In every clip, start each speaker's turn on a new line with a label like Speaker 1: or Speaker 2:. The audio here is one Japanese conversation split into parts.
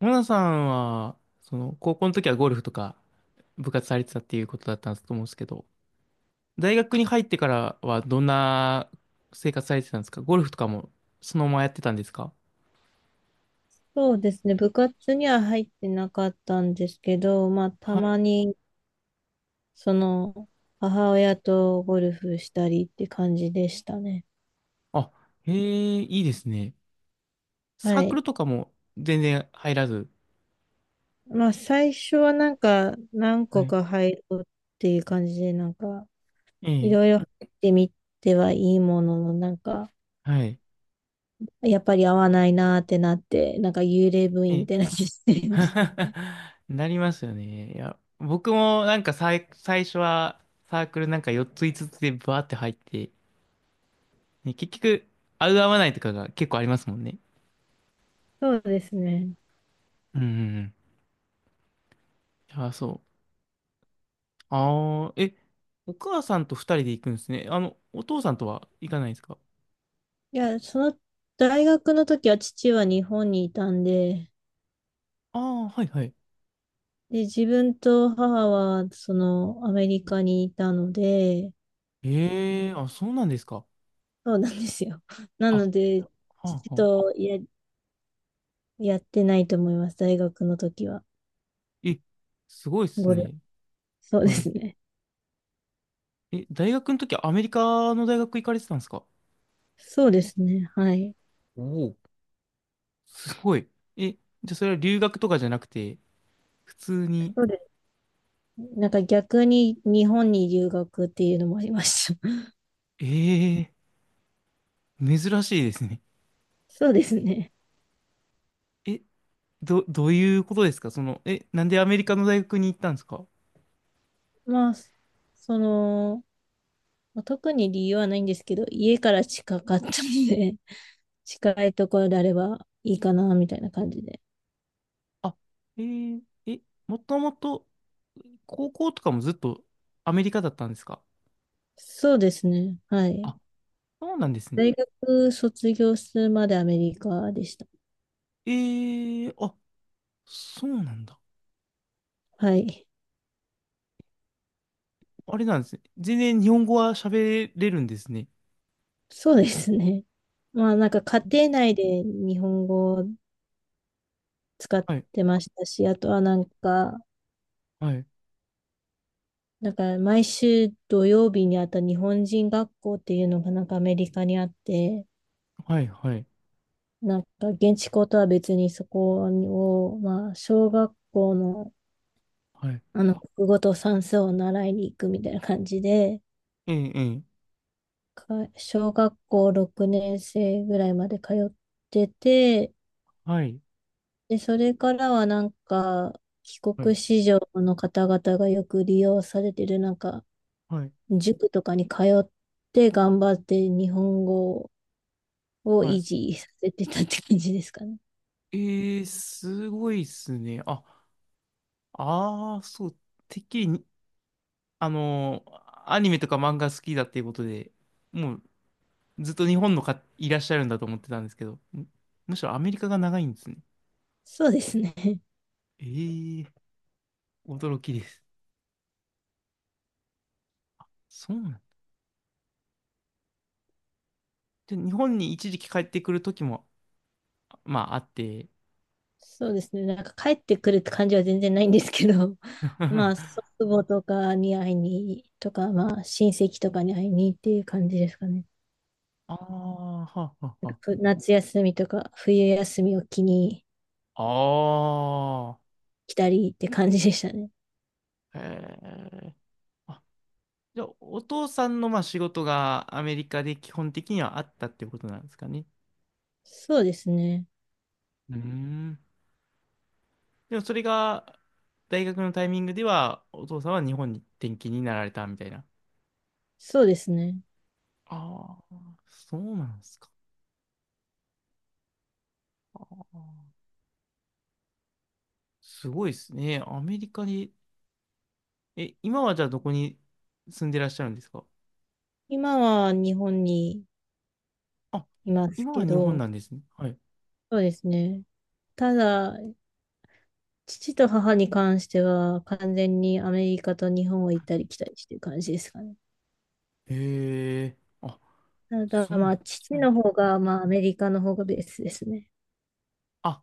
Speaker 1: モナさんは、高校の時はゴルフとか部活されてたっていうことだったと思うんですけど、大学に入ってからはどんな生活されてたんですか？ゴルフとかもそのままやってたんですか？
Speaker 2: そうですね。部活には入ってなかったんですけど、まあ、た
Speaker 1: は
Speaker 2: ま
Speaker 1: い。
Speaker 2: に、その、母親とゴルフしたりって感じでしたね。
Speaker 1: あ、へえ、いいですね。サ
Speaker 2: は
Speaker 1: ークル
Speaker 2: い。
Speaker 1: とかも全然入らず。
Speaker 2: まあ、最初は何
Speaker 1: は
Speaker 2: 個
Speaker 1: い。
Speaker 2: か入ろうっていう感じで、
Speaker 1: え
Speaker 2: い
Speaker 1: え。
Speaker 2: ろいろ入ってみてはいいものの、
Speaker 1: はい。
Speaker 2: やっぱり合わないなーってなって、なんか幽霊部
Speaker 1: え
Speaker 2: 員み
Speaker 1: え。
Speaker 2: たいな感じになりました。
Speaker 1: なりますよね。いや、僕も最初はサークルなんか4つ5つつでバーって入って、ね、結局、合う合わないとかが結構ありますもんね。
Speaker 2: そうですね。
Speaker 1: うんうんうん。ああ、そう。ああ、え、お母さんと二人で行くんですね。お父さんとは行かないですか？
Speaker 2: いや、大学の時は父は日本にいたんで、
Speaker 1: ああ、はいはい。
Speaker 2: で、自分と母は、アメリカにいたので、
Speaker 1: ええ、あ、そうなんですか。
Speaker 2: そうなんですよ。な
Speaker 1: あ、は
Speaker 2: ので、
Speaker 1: あ、
Speaker 2: 父
Speaker 1: はあ。
Speaker 2: とや、やってないと思います。大学の時は。
Speaker 1: え、すごいっす
Speaker 2: ゴルフ。
Speaker 1: ね。
Speaker 2: そうで
Speaker 1: はい。
Speaker 2: すね。
Speaker 1: え、大学の時アメリカの大学行かれてたんですか？
Speaker 2: そうですね。はい。
Speaker 1: お、おー。すごい。じゃあそれは留学とかじゃなくて、普通に、
Speaker 2: そうです。なんか逆に日本に留学っていうのもありました。
Speaker 1: ええ、珍しいですね。
Speaker 2: そうですね。
Speaker 1: え、どういうことですか？なんでアメリカの大学に行ったんですか？
Speaker 2: まあ、その、まあ特に理由はないんですけど、家から近かったので、近いところであればいいかな、みたいな感じで。
Speaker 1: あ、えー、え、もともと高校とかもずっとアメリカだったんですか？
Speaker 2: そうですね。はい。
Speaker 1: あ、そうなんですね。
Speaker 2: 大学卒業するまでアメリカでした。
Speaker 1: えー、あ、そうなんだ。
Speaker 2: はい。
Speaker 1: あれなんですね。全然日本語は喋れるんですね。
Speaker 2: そうですね。まあなんか家庭内で日本語を使っ
Speaker 1: はい、
Speaker 2: てましたし、あとはなんか、
Speaker 1: はい、
Speaker 2: なんか毎週土曜日にあった日本人学校っていうのがなんかアメリカにあって、
Speaker 1: はい、はい、
Speaker 2: なんか現地校とは別にそこを、まあ小学校の
Speaker 1: はい。
Speaker 2: あの国語と算数を習いに行くみたいな感じで、
Speaker 1: ええ、ええ、
Speaker 2: か小学校6年生ぐらいまで通ってて、
Speaker 1: はい、
Speaker 2: で、それからはなんか、帰
Speaker 1: は
Speaker 2: 国
Speaker 1: い、
Speaker 2: 子女の方々がよく利用されてる、なんか、
Speaker 1: はい、
Speaker 2: 塾とかに通って頑張って日本語を
Speaker 1: は
Speaker 2: 維
Speaker 1: い。
Speaker 2: 持させてたって感じですかね。
Speaker 1: えー、すごいっすね。あ、ああ、そう、てっきりにあのー、アニメとか漫画好きだっていうことで、もうずっと日本のかいらっしゃるんだと思ってたんですけど、むしろアメリカが長いんですね。
Speaker 2: そうですね。
Speaker 1: ええ、驚きです。そうなんで、日本に一時期帰ってくる時も、まああって、
Speaker 2: そうですね。なんか帰ってくるって感じは全然ないんですけど、まあ、祖 父母とかに会いに、とか、まあ、親戚とかに会いにっていう感じですかね。
Speaker 1: ああ、はあ、はあ、は
Speaker 2: 夏休みとか冬休みを機に
Speaker 1: あ。あ
Speaker 2: 来たりって感じでしたね。
Speaker 1: あ、へえ。あ、じゃあ、お父さんのまあ仕事がアメリカで基本的にはあったってことなんですかね。
Speaker 2: そうですね。
Speaker 1: うーん。でもそれが、大学のタイミングでは、お父さんは日本に転勤になられたみたいな。
Speaker 2: そうですね。
Speaker 1: ああ、そうなんですか。あー、すごいですね。アメリカに、え、今はじゃあどこに住んでらっしゃるんですか？
Speaker 2: 今は日本に
Speaker 1: あ、
Speaker 2: います
Speaker 1: 今は
Speaker 2: け
Speaker 1: 日本
Speaker 2: ど、
Speaker 1: なんですね。はい。
Speaker 2: そうですね。ただ、父と母に関しては、完全にアメリカと日本を行ったり来たりしてる感じですかね。
Speaker 1: へえ、あ、
Speaker 2: ただ、
Speaker 1: そうなん
Speaker 2: まあ、父
Speaker 1: だ。はい。
Speaker 2: の方が、まあ、アメリカの方がベースですね。
Speaker 1: あ、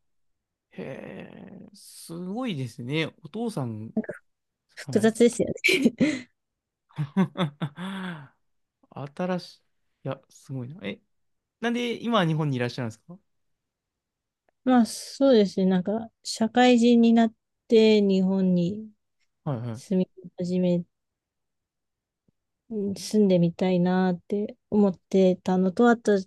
Speaker 1: へえ、すごいですね。お父さん、は
Speaker 2: 複
Speaker 1: い。
Speaker 2: 雑ですよね。
Speaker 1: 新しい、いや、すごいな。え、なんで今は日本にいらっしゃるんですか？
Speaker 2: まあ、そうですね。社会人になって日本に
Speaker 1: はいは
Speaker 2: 住
Speaker 1: い
Speaker 2: み始め、住んでみたいなって思ってたのと、あと、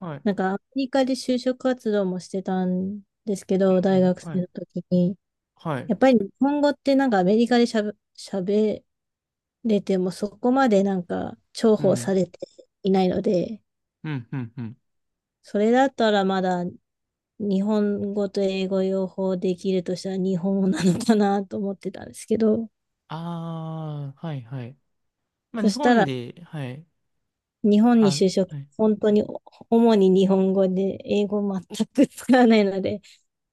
Speaker 1: はい。
Speaker 2: なんかアメリカで就職活動もしてたんですけ
Speaker 1: うん
Speaker 2: ど、大
Speaker 1: うん、
Speaker 2: 学
Speaker 1: は
Speaker 2: 生
Speaker 1: い
Speaker 2: の時に。
Speaker 1: はい。
Speaker 2: やっぱり日本語ってなんかアメリカでしゃべ、喋れてもそこまでなんか重
Speaker 1: う
Speaker 2: 宝さ
Speaker 1: ん
Speaker 2: れていないので、
Speaker 1: うんうんうん。
Speaker 2: それだったらまだ日本語と英語両方できるとしたら日本語なのかなと思ってたんですけど、
Speaker 1: ああー、はいはい。まあ
Speaker 2: そ
Speaker 1: 日
Speaker 2: した
Speaker 1: 本
Speaker 2: ら
Speaker 1: で、はい。
Speaker 2: 日本に
Speaker 1: あ、
Speaker 2: 就職、
Speaker 1: はい。
Speaker 2: 本当に主に日本語で英語全く使わないので、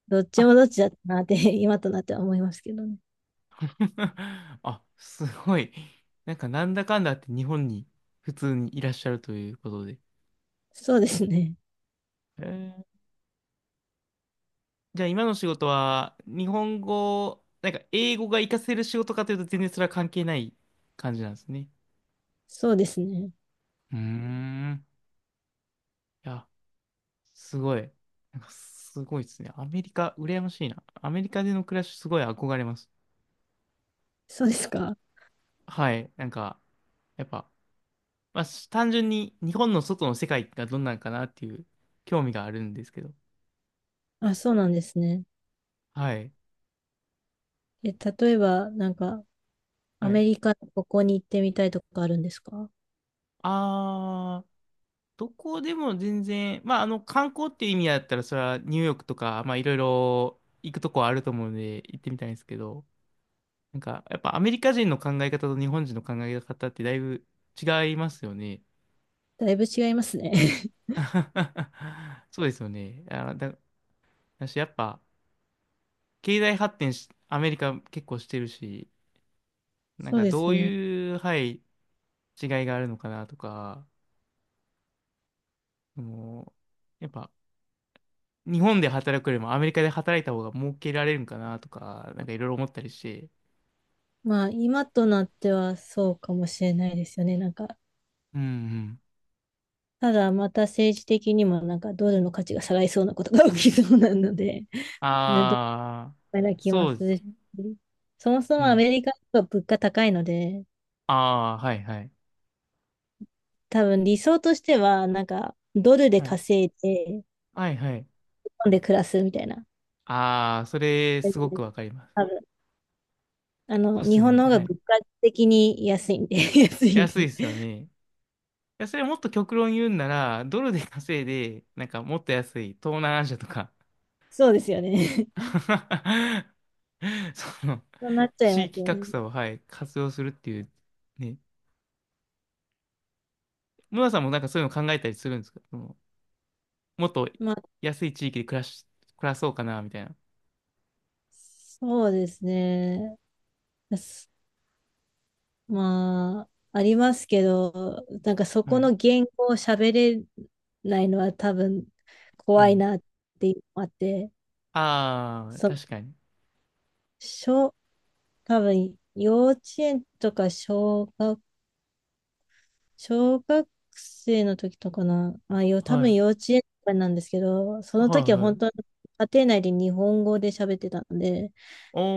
Speaker 2: どっち
Speaker 1: あ。
Speaker 2: もどっちだったなって今となっては思いますけどね。
Speaker 1: あ、すごい。なんかなんだかんだあって日本に普通にいらっしゃるということで。
Speaker 2: そうですね。
Speaker 1: えー、じゃあ今の仕事は日本語、なんか英語が活かせる仕事かというと全然それは関係ない感じなんですね。
Speaker 2: そうですね。
Speaker 1: うーん。いや、すごい。なんかすごいですね。アメリカ、羨ましいな。アメリカでの暮らし、すごい憧れます。
Speaker 2: そうですか。
Speaker 1: はい。なんか、やっぱ、まあ、単純に日本の外の世界がどんなんかなっていう興味があるんですけど。
Speaker 2: あ、そうなんですね。
Speaker 1: はい。
Speaker 2: え、例えば、ア
Speaker 1: はい。
Speaker 2: メリカのここに行ってみたいとかあるんですか？
Speaker 1: あー、どこでも全然、観光っていう意味だったら、それはニューヨークとか、まあ、いろいろ行くとこはあると思うので、行ってみたいんですけど、やっぱアメリカ人の考え方と日本人の考え方ってだいぶ違いますよね。
Speaker 2: だいぶ違いますね。
Speaker 1: そうですよね。あ、だし、やっぱ、経済発展し、アメリカ結構してるし、なん
Speaker 2: そう
Speaker 1: か
Speaker 2: で
Speaker 1: ど
Speaker 2: す
Speaker 1: う
Speaker 2: ね。
Speaker 1: いう、はい、違いがあるのかなとか、その、やっぱ、日本で働くよりもアメリカで働いた方が儲けられるんかなとか、なんかいろいろ思ったりして。
Speaker 2: まあ、今となってはそうかもしれないですよね。
Speaker 1: うんうん。
Speaker 2: ただまた政治的にもなんかドルの価値が下がりそうなことが起きそうなので、ね、ど
Speaker 1: ああ、
Speaker 2: うな気も
Speaker 1: そう
Speaker 2: す
Speaker 1: です。
Speaker 2: るし、そもそ
Speaker 1: う
Speaker 2: もア
Speaker 1: ん。
Speaker 2: メリカは物価高いので、
Speaker 1: ああ、はいはい。
Speaker 2: 多分理想としては、ドルで
Speaker 1: はい。
Speaker 2: 稼いで、
Speaker 1: はいはい。
Speaker 2: 本で暮らすみたいな。
Speaker 1: ああ、それ、
Speaker 2: 大
Speaker 1: す
Speaker 2: 丈
Speaker 1: ご
Speaker 2: 夫で
Speaker 1: く
Speaker 2: す
Speaker 1: わかりま
Speaker 2: 多
Speaker 1: す。
Speaker 2: 分。あ
Speaker 1: そう
Speaker 2: の、
Speaker 1: で
Speaker 2: 日
Speaker 1: す
Speaker 2: 本
Speaker 1: ね。
Speaker 2: の方が
Speaker 1: はい。
Speaker 2: 物価的に安いんで、安いん
Speaker 1: 安いで
Speaker 2: で。
Speaker 1: すよね。や、それもっと極論言うんなら、ドルで稼いで、なんかもっと安い東南アジアとか、
Speaker 2: そうですよね。
Speaker 1: その、
Speaker 2: そうなっちゃい
Speaker 1: 地
Speaker 2: ます
Speaker 1: 域
Speaker 2: よね。
Speaker 1: 格差を、はい、活用するっていう、ね。ムラさんもなんかそういうの考えたりするんですか？その、もっと
Speaker 2: まあ、
Speaker 1: 安い地域で暮らし、暮らそうかな、みたいな。
Speaker 2: そうですね。すまあ、ありますけど、なんかそ
Speaker 1: は
Speaker 2: こ
Speaker 1: い。
Speaker 2: の言語を喋れないのは多分
Speaker 1: う
Speaker 2: 怖い
Speaker 1: ん。
Speaker 2: なっていうのもあって、
Speaker 1: ああ、
Speaker 2: そう、
Speaker 1: 確かに。
Speaker 2: 小、多分幼稚園とか小学生の時とかな、あ、よ、多
Speaker 1: は
Speaker 2: 分
Speaker 1: い。
Speaker 2: 幼稚園とかなんですけど、その
Speaker 1: は
Speaker 2: 時
Speaker 1: い
Speaker 2: は
Speaker 1: は
Speaker 2: 本当に
Speaker 1: い。
Speaker 2: 家庭内で日本語で喋ってたので、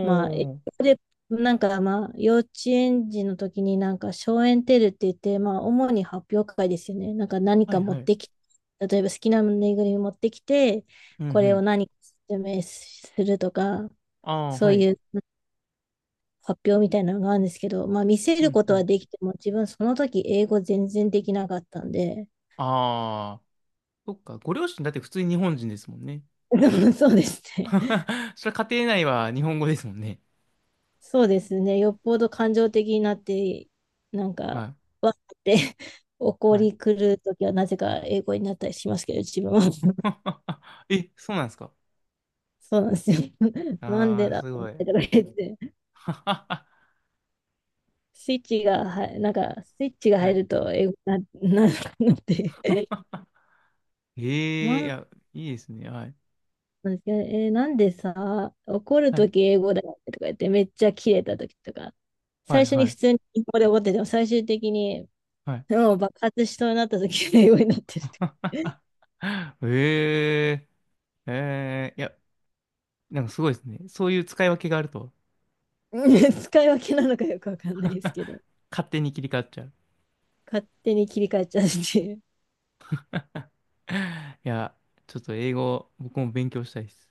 Speaker 2: まあ、英
Speaker 1: ー。
Speaker 2: 語で、なんかまあ、幼稚園児の時に小園テルって言って、まあ、主に発表会ですよね。なんか何
Speaker 1: は
Speaker 2: か
Speaker 1: い
Speaker 2: 持
Speaker 1: は
Speaker 2: っ
Speaker 1: い。
Speaker 2: てき、例えば好きなぬいぐるみ持ってきて、
Speaker 1: うんう
Speaker 2: これを
Speaker 1: ん。
Speaker 2: 何か説明するとか、
Speaker 1: ああ、
Speaker 2: そう
Speaker 1: はい。
Speaker 2: いう発表みたいなのがあるんですけど、まあ、見せ
Speaker 1: う
Speaker 2: る
Speaker 1: ん
Speaker 2: こ
Speaker 1: う
Speaker 2: とは
Speaker 1: ん。
Speaker 2: できても、自分その時英語全然できなかったんで、
Speaker 1: ああ、そっか。ご両親だって普通に日本人ですもんね。
Speaker 2: でもそうですね。
Speaker 1: それ家庭内は日本語ですもんね。
Speaker 2: そうですね。よっぽど感情的になって、なんか、
Speaker 1: は
Speaker 2: わーって
Speaker 1: い。
Speaker 2: 怒
Speaker 1: は
Speaker 2: り
Speaker 1: い。
Speaker 2: 狂うときはなぜか英語になったりしますけど、自分は。
Speaker 1: え、そうなんですか？
Speaker 2: そうなんですよ。なん
Speaker 1: ああ
Speaker 2: で
Speaker 1: ー、
Speaker 2: だ
Speaker 1: す
Speaker 2: ろうっ
Speaker 1: ごい。
Speaker 2: てとか 言って、
Speaker 1: は
Speaker 2: スイッチが入る
Speaker 1: い。
Speaker 2: と英語になるのって。
Speaker 1: ええ、い
Speaker 2: まあ、
Speaker 1: や、いいですね。はい。
Speaker 2: なんですけどね、えーなんでさ、怒る
Speaker 1: はい。
Speaker 2: とき英語だよってとか言って、めっちゃキレたときとか、
Speaker 1: はい。
Speaker 2: 最初
Speaker 1: は
Speaker 2: に普
Speaker 1: い。
Speaker 2: 通に英語で怒ってても、最終的に
Speaker 1: はい、
Speaker 2: もう爆発しそうになった時が英語になってる。
Speaker 1: あ。 ええ、ええ、いや、なんかすごいですね。そういう使い分けがあると、
Speaker 2: 使い分けなのかよくわかんないですけど、
Speaker 1: 勝手に切り替わっちゃう。
Speaker 2: 勝手に切り替えちゃうっていう。
Speaker 1: いや、ちょっと英語、僕も勉強したいです。